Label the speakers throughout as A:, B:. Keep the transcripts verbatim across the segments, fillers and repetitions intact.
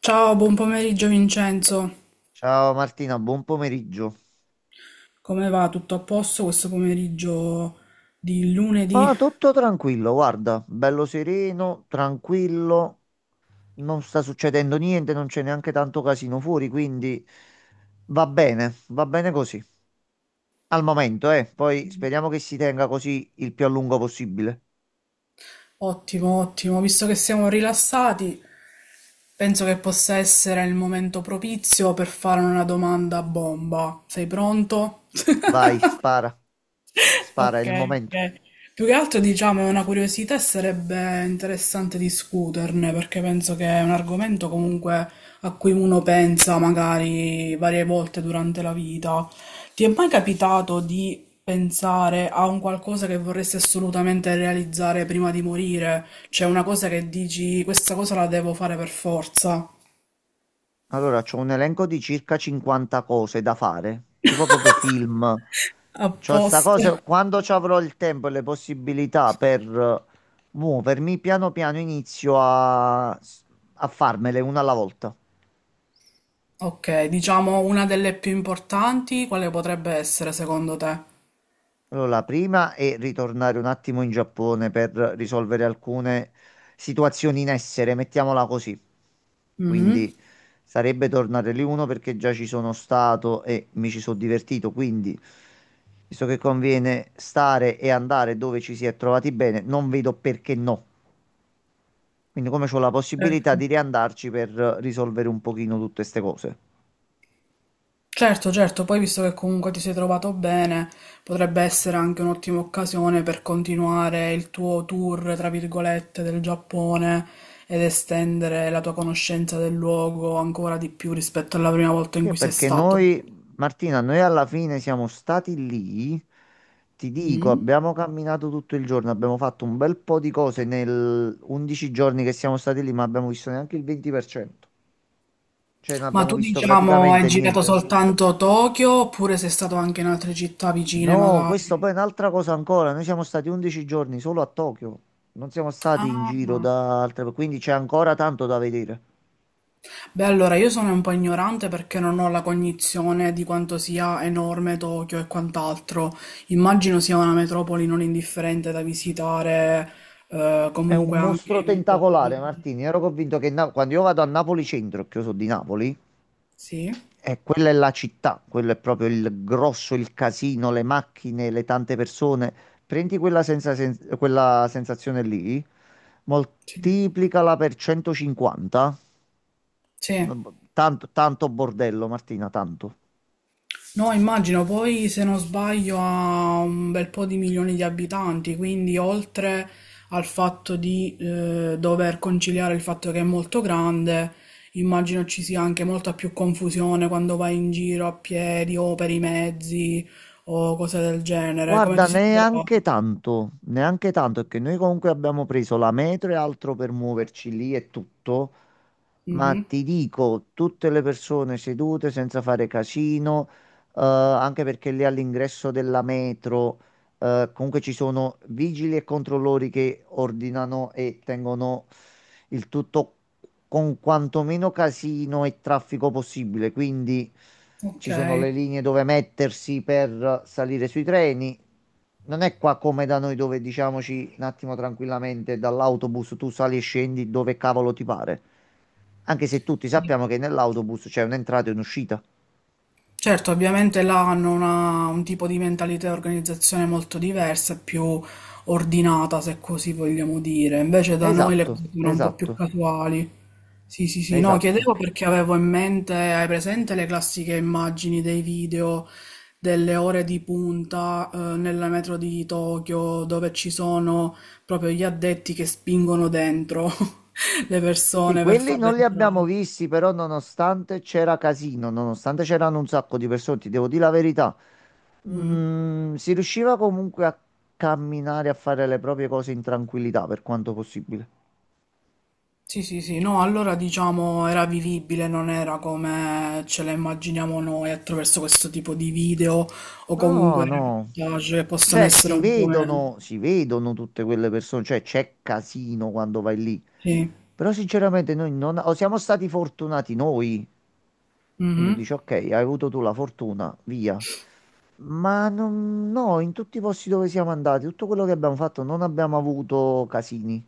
A: Ciao, buon pomeriggio Vincenzo.
B: Ciao Martina, buon pomeriggio.
A: Come va? Tutto a posto questo pomeriggio di lunedì?
B: Ma tutto tranquillo, guarda, bello sereno, tranquillo, non sta succedendo niente, non c'è neanche tanto casino fuori, quindi va bene, va bene così. Al momento, eh, poi speriamo che si tenga così il più a lungo possibile.
A: Ottimo, ottimo. Visto che siamo rilassati, penso che possa essere il momento propizio per fare una domanda a bomba. Sei pronto?
B: Vai, spara, spara, è
A: Ok,
B: il momento.
A: ok. Più che altro, diciamo, è una curiosità e sarebbe interessante discuterne perché penso che è un argomento comunque a cui uno pensa magari varie volte durante la vita. Ti è mai capitato di pensare a un qualcosa che vorresti assolutamente realizzare prima di morire? Cioè una cosa che dici, questa cosa la devo fare per forza.
B: Allora, c'ho un elenco di circa cinquanta cose da fare, tipo proprio film. C'ho sta
A: Apposta.
B: cosa, quando ci avrò il tempo e le possibilità per eh, muovermi, piano piano inizio a, a farmele una alla volta.
A: Ok, diciamo una delle più importanti, quale potrebbe essere secondo te?
B: Allora, la prima è ritornare un attimo in Giappone per risolvere alcune situazioni in essere, mettiamola così.
A: Mhm.
B: Quindi sarebbe tornare lì uno perché già ci sono stato e mi ci sono divertito, quindi visto che conviene stare e andare dove ci si è trovati bene, non vedo perché no. Quindi come c'ho la possibilità
A: Ecco.
B: di riandarci per risolvere un pochino tutte queste cose.
A: Certo, certo, poi visto che comunque ti sei trovato bene, potrebbe essere anche un'ottima occasione per continuare il tuo tour, tra virgolette, del Giappone ed estendere la tua conoscenza del luogo ancora di più rispetto alla prima volta in
B: Sì,
A: cui sei
B: perché
A: stato.
B: noi, Martina, noi alla fine siamo stati lì, ti dico,
A: Mm.
B: abbiamo camminato tutto il giorno, abbiamo fatto un bel po' di cose nel undici giorni che siamo stati lì, ma abbiamo visto neanche il venti per cento, cioè non
A: Ma
B: abbiamo
A: tu,
B: visto
A: diciamo, hai
B: praticamente
A: girato
B: niente.
A: soltanto Tokyo oppure sei stato anche in altre città vicine,
B: No, questo
A: magari?
B: poi è un'altra cosa ancora, noi siamo stati undici giorni solo a Tokyo, non siamo stati in giro
A: Ah,
B: da altre, quindi c'è ancora tanto da vedere.
A: beh, allora io sono un po' ignorante perché non ho la cognizione di quanto sia enorme Tokyo e quant'altro. Immagino sia una metropoli non indifferente da visitare, eh,
B: È un
A: comunque anche
B: mostro
A: in un tot-
B: tentacolare, Martini. Ero convinto che Na- quando io vado a Napoli centro, che io sono di Napoli,
A: sì,
B: e quella è la città, quello è proprio il grosso, il casino, le macchine, le tante persone. Prendi quella, senza- sen- quella sensazione lì,
A: sì,
B: moltiplicala per centocinquanta.
A: sì.
B: Tanto, tanto bordello, Martina, tanto.
A: No, immagino, poi se non sbaglio ha un bel po' di milioni di abitanti, quindi oltre al fatto di eh, dover conciliare il fatto che è molto grande, immagino ci sia anche molta più confusione quando vai in giro a piedi o per i mezzi o cose del genere. Come
B: Guarda,
A: ti sei
B: neanche
A: trovato?
B: tanto, neanche tanto, perché noi comunque abbiamo preso la metro e altro per muoverci lì e tutto. Ma
A: Mhm.
B: ti dico, tutte le persone sedute senza fare casino, eh, anche perché lì all'ingresso della metro, eh, comunque ci sono vigili e controllori che ordinano e tengono il tutto con quantomeno casino e traffico possibile. Quindi
A: Ok.
B: ci sono le linee dove mettersi per salire sui treni. Non è qua come da noi dove diciamoci un attimo tranquillamente dall'autobus tu sali e scendi dove cavolo ti pare. Anche se tutti
A: Sì.
B: sappiamo che nell'autobus c'è un'entrata e un'uscita.
A: Certo, ovviamente là hanno una- un tipo di mentalità e organizzazione molto diversa, più ordinata, se così vogliamo dire. Invece da noi le
B: Esatto,
A: cose sono un po' più
B: esatto,
A: casuali. Sì, sì, sì, no, chiedevo
B: esatto.
A: perché avevo in mente, hai presente le classiche immagini dei video delle ore di punta, eh, nella metro di Tokyo, dove ci sono proprio gli addetti che spingono dentro le
B: Sì,
A: persone per
B: quelli
A: farle
B: non li abbiamo
A: entrare.
B: visti, però nonostante c'era casino, nonostante c'erano un sacco di persone, ti devo dire la verità,
A: Mm.
B: mm, si riusciva comunque a camminare, a fare le proprie cose in tranquillità per quanto possibile.
A: Sì, sì, sì, no, allora diciamo era vivibile, non era come ce la immaginiamo noi attraverso questo tipo di video o
B: No,
A: comunque
B: no.
A: reportage che possono
B: Cioè,
A: essere
B: si
A: un po' meno.
B: vedono, si vedono tutte quelle persone, cioè c'è casino quando vai lì.
A: Sì.
B: Però sinceramente noi non o siamo stati fortunati noi. Quindi
A: Mhm.
B: dici, ok, hai avuto tu la fortuna, via. Ma non- no, in tutti i posti dove siamo andati, tutto quello che abbiamo fatto, non abbiamo avuto casini.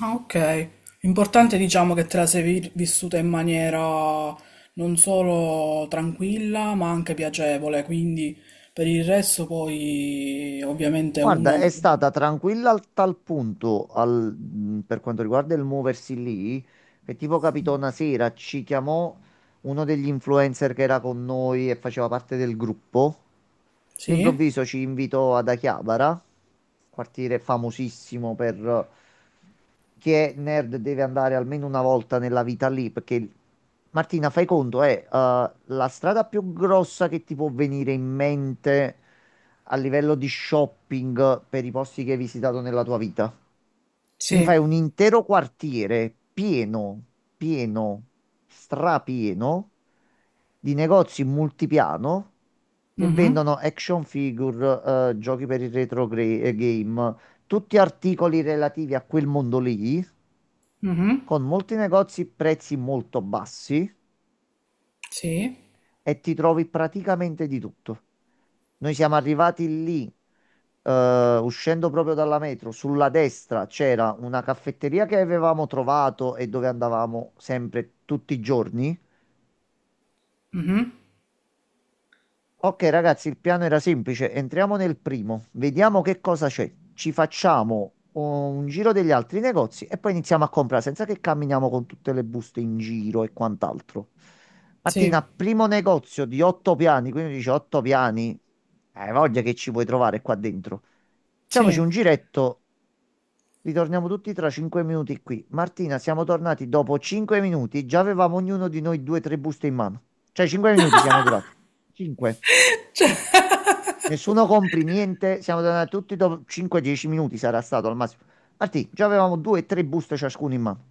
A: Ah, ok. L'importante diciamo che te la sei vi- vissuta in maniera non solo tranquilla, ma anche piacevole, quindi per il resto poi ovviamente
B: Guarda, è
A: uno...
B: stata tranquilla al tal punto al- mh, per quanto riguarda il muoversi lì, che tipo capitò una sera, ci chiamò uno degli influencer che era con noi e faceva parte del gruppo.
A: Sì,
B: All'improvviso ci invitò ad Achiabara, quartiere famosissimo per che è nerd deve andare almeno una volta nella vita lì, perché Martina, fai conto, è eh, uh, la strada più grossa che ti può venire in mente a livello di shopping per i posti che hai visitato nella tua vita. Quindi
A: sì.
B: fai un intero quartiere pieno, pieno, strapieno di negozi multipiano che
A: Mhm.
B: vendono action figure, eh, giochi per il retro gra- eh, game, tutti articoli relativi a quel mondo lì
A: Mhm.
B: con molti negozi prezzi molto bassi
A: Sì.
B: e ti trovi praticamente di tutto. Noi siamo arrivati lì, eh, uscendo proprio dalla metro, sulla destra c'era una caffetteria che avevamo trovato e dove andavamo sempre tutti i giorni.
A: Mhm.
B: Ok, ragazzi, il piano era semplice. Entriamo nel primo, vediamo che cosa c'è. Ci facciamo uh, un giro degli altri negozi e poi iniziamo a comprare senza che camminiamo con tutte le buste in giro e quant'altro.
A: Sì.
B: Martina, primo negozio di otto piani, quindi dice otto piani. Hai voglia che ci puoi trovare qua dentro. Facciamoci
A: Sì,
B: un giretto, ritorniamo tutti tra cinque minuti qui. Martina, siamo tornati dopo cinque minuti, già avevamo ognuno di noi due o tre buste in mano. Cioè, cinque minuti siamo durati. Cinque. Nessuno compri niente, siamo tornati tutti dopo cinque dieci minuti sarà stato al massimo. Martì, già avevamo due o tre buste ciascuno in mano.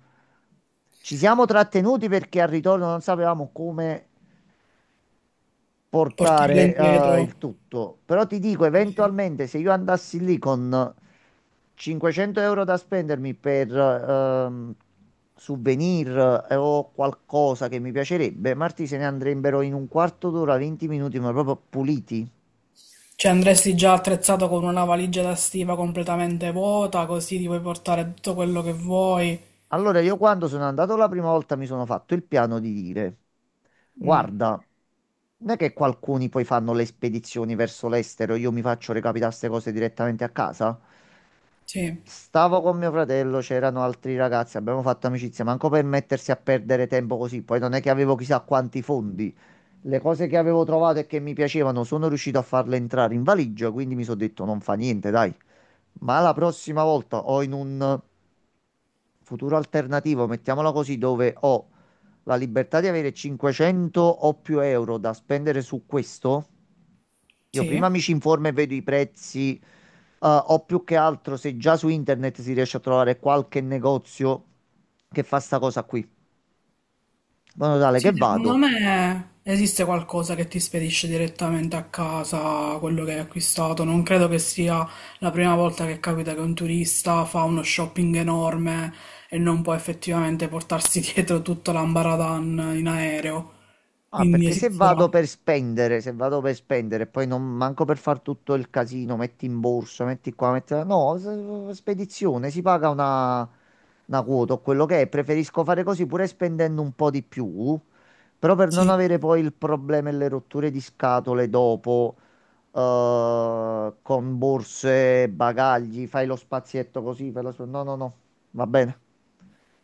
B: Ci siamo trattenuti perché al ritorno non sapevamo come
A: portarle
B: portare
A: indietro.
B: eh, il tutto. Però ti dico,
A: Sì, sì.
B: eventualmente se io andassi lì con cinquecento euro da spendermi per ehm, souvenir eh, o qualcosa che mi piacerebbe, Martì se ne andrebbero in un quarto d'ora, venti minuti, ma proprio puliti.
A: Cioè andresti già attrezzato con una valigia da stiva completamente vuota, così ti puoi portare tutto quello che vuoi.
B: Allora, io quando sono andato la prima volta mi sono fatto il piano di dire,
A: Mm.
B: guarda, non è che qualcuno poi fanno le spedizioni verso l'estero, io mi faccio recapitare queste cose direttamente a casa.
A: Sì,
B: Stavo con mio fratello, c'erano altri ragazzi, abbiamo fatto amicizia, manco per mettersi a perdere tempo così, poi non è che avevo chissà quanti fondi. Le cose che avevo trovato e che mi piacevano sono riuscito a farle entrare in valigia, quindi mi sono detto non fa niente, dai. Ma la prossima volta o in un futuro alternativo, mettiamola così, dove ho la libertà di avere cinquecento o più euro da spendere su questo, io prima
A: sì.
B: mi ci informo e vedo i prezzi, eh, o più che altro se già su internet si riesce a trovare qualche negozio che fa sta cosa qui. In modo tale che
A: Sì, secondo
B: vado.
A: me esiste qualcosa che ti spedisce direttamente a casa quello che hai acquistato. Non credo che sia la prima volta che capita che un turista fa uno shopping enorme e non può effettivamente portarsi dietro tutto l'ambaradan in aereo.
B: Ah,
A: Quindi
B: perché se
A: esisterà.
B: vado per spendere, se vado per spendere, poi non manco per far tutto il casino, metti in borsa, metti qua, metti là. No, s- spedizione, si paga una, una quota o quello che è. Preferisco fare così pure spendendo un po' di più, però per non
A: Sì.
B: avere poi il problema e le rotture di scatole dopo, eh, con borse, bagagli, fai lo spazietto così, fai lo sp- No, no, no, va bene,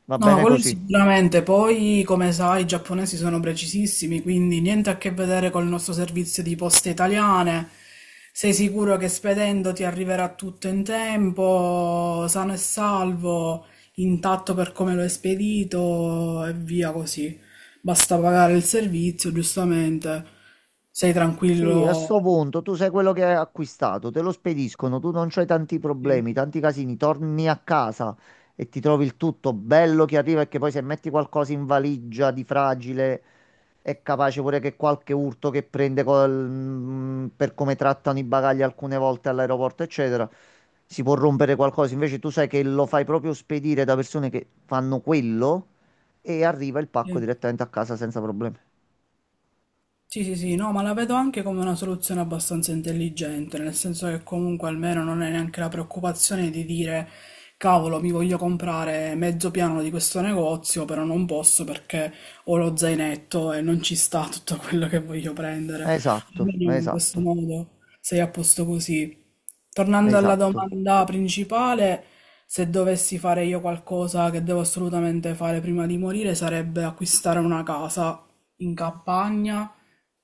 B: va
A: No, ma
B: bene
A: quello
B: così.
A: sicuramente. Poi, come sai, i giapponesi sono precisissimi, quindi niente a che vedere col nostro servizio di poste italiane. Sei sicuro che spedendo ti arriverà tutto in tempo, sano e salvo, intatto per come lo hai spedito e via così. Basta pagare il servizio, giustamente. Sei
B: Sì, a
A: tranquillo.
B: sto punto tu sei quello che hai acquistato, te lo spediscono, tu non c'hai tanti
A: Sì,
B: problemi, tanti casini, torni a casa e ti trovi il tutto bello che arriva e che poi se metti qualcosa in valigia di fragile è capace pure che qualche urto che prende col- mm, per come trattano i bagagli alcune volte all'aeroporto, eccetera, si può rompere qualcosa. Invece tu sai che lo fai proprio spedire da persone che fanno quello e arriva il pacco
A: sì.
B: direttamente a casa senza problemi.
A: Sì, sì, sì, no, ma la vedo anche come una soluzione abbastanza intelligente, nel senso che comunque almeno non è neanche la preoccupazione di dire, cavolo, mi voglio comprare mezzo piano di questo negozio, però non posso perché ho lo zainetto e non ci sta tutto quello che voglio prendere.
B: Esatto,
A: Almeno in questo
B: esatto,
A: modo sei a posto così. Tornando alla
B: esatto.
A: domanda principale, se dovessi fare io qualcosa che devo assolutamente fare prima di morire, sarebbe acquistare una casa in campagna,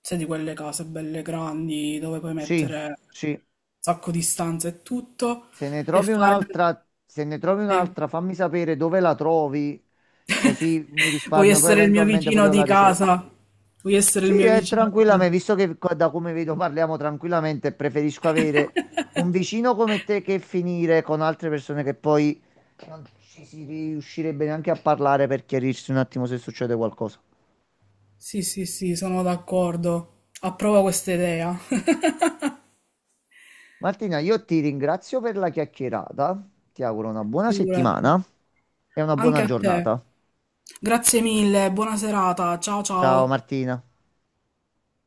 A: sai di quelle case belle grandi dove puoi
B: Sì,
A: mettere un
B: sì.
A: sacco di stanze e tutto,
B: Se ne
A: e
B: trovi
A: fare...
B: un'altra, se ne trovi
A: Eh,
B: un'altra, fammi sapere dove la trovi, così mi
A: vuoi
B: risparmio poi
A: essere il mio
B: eventualmente pure
A: vicino
B: io la
A: di
B: ricerca.
A: casa? Vuoi essere il
B: Sì,
A: mio
B: è
A: vicino di casa?
B: tranquillamente, visto che qua- da come vedo parliamo tranquillamente, preferisco avere un vicino come te che finire con altre persone che poi non ci si riuscirebbe neanche a parlare per chiarirsi un attimo se succede qualcosa.
A: Sì, sì, sì, sono d'accordo. Approvo questa idea.
B: Martina, io ti ringrazio per la chiacchierata, ti auguro una buona
A: Figurati.
B: settimana e una
A: Anche
B: buona
A: a te.
B: giornata.
A: Grazie mille, buona serata. Ciao
B: Ciao
A: ciao.
B: Martina.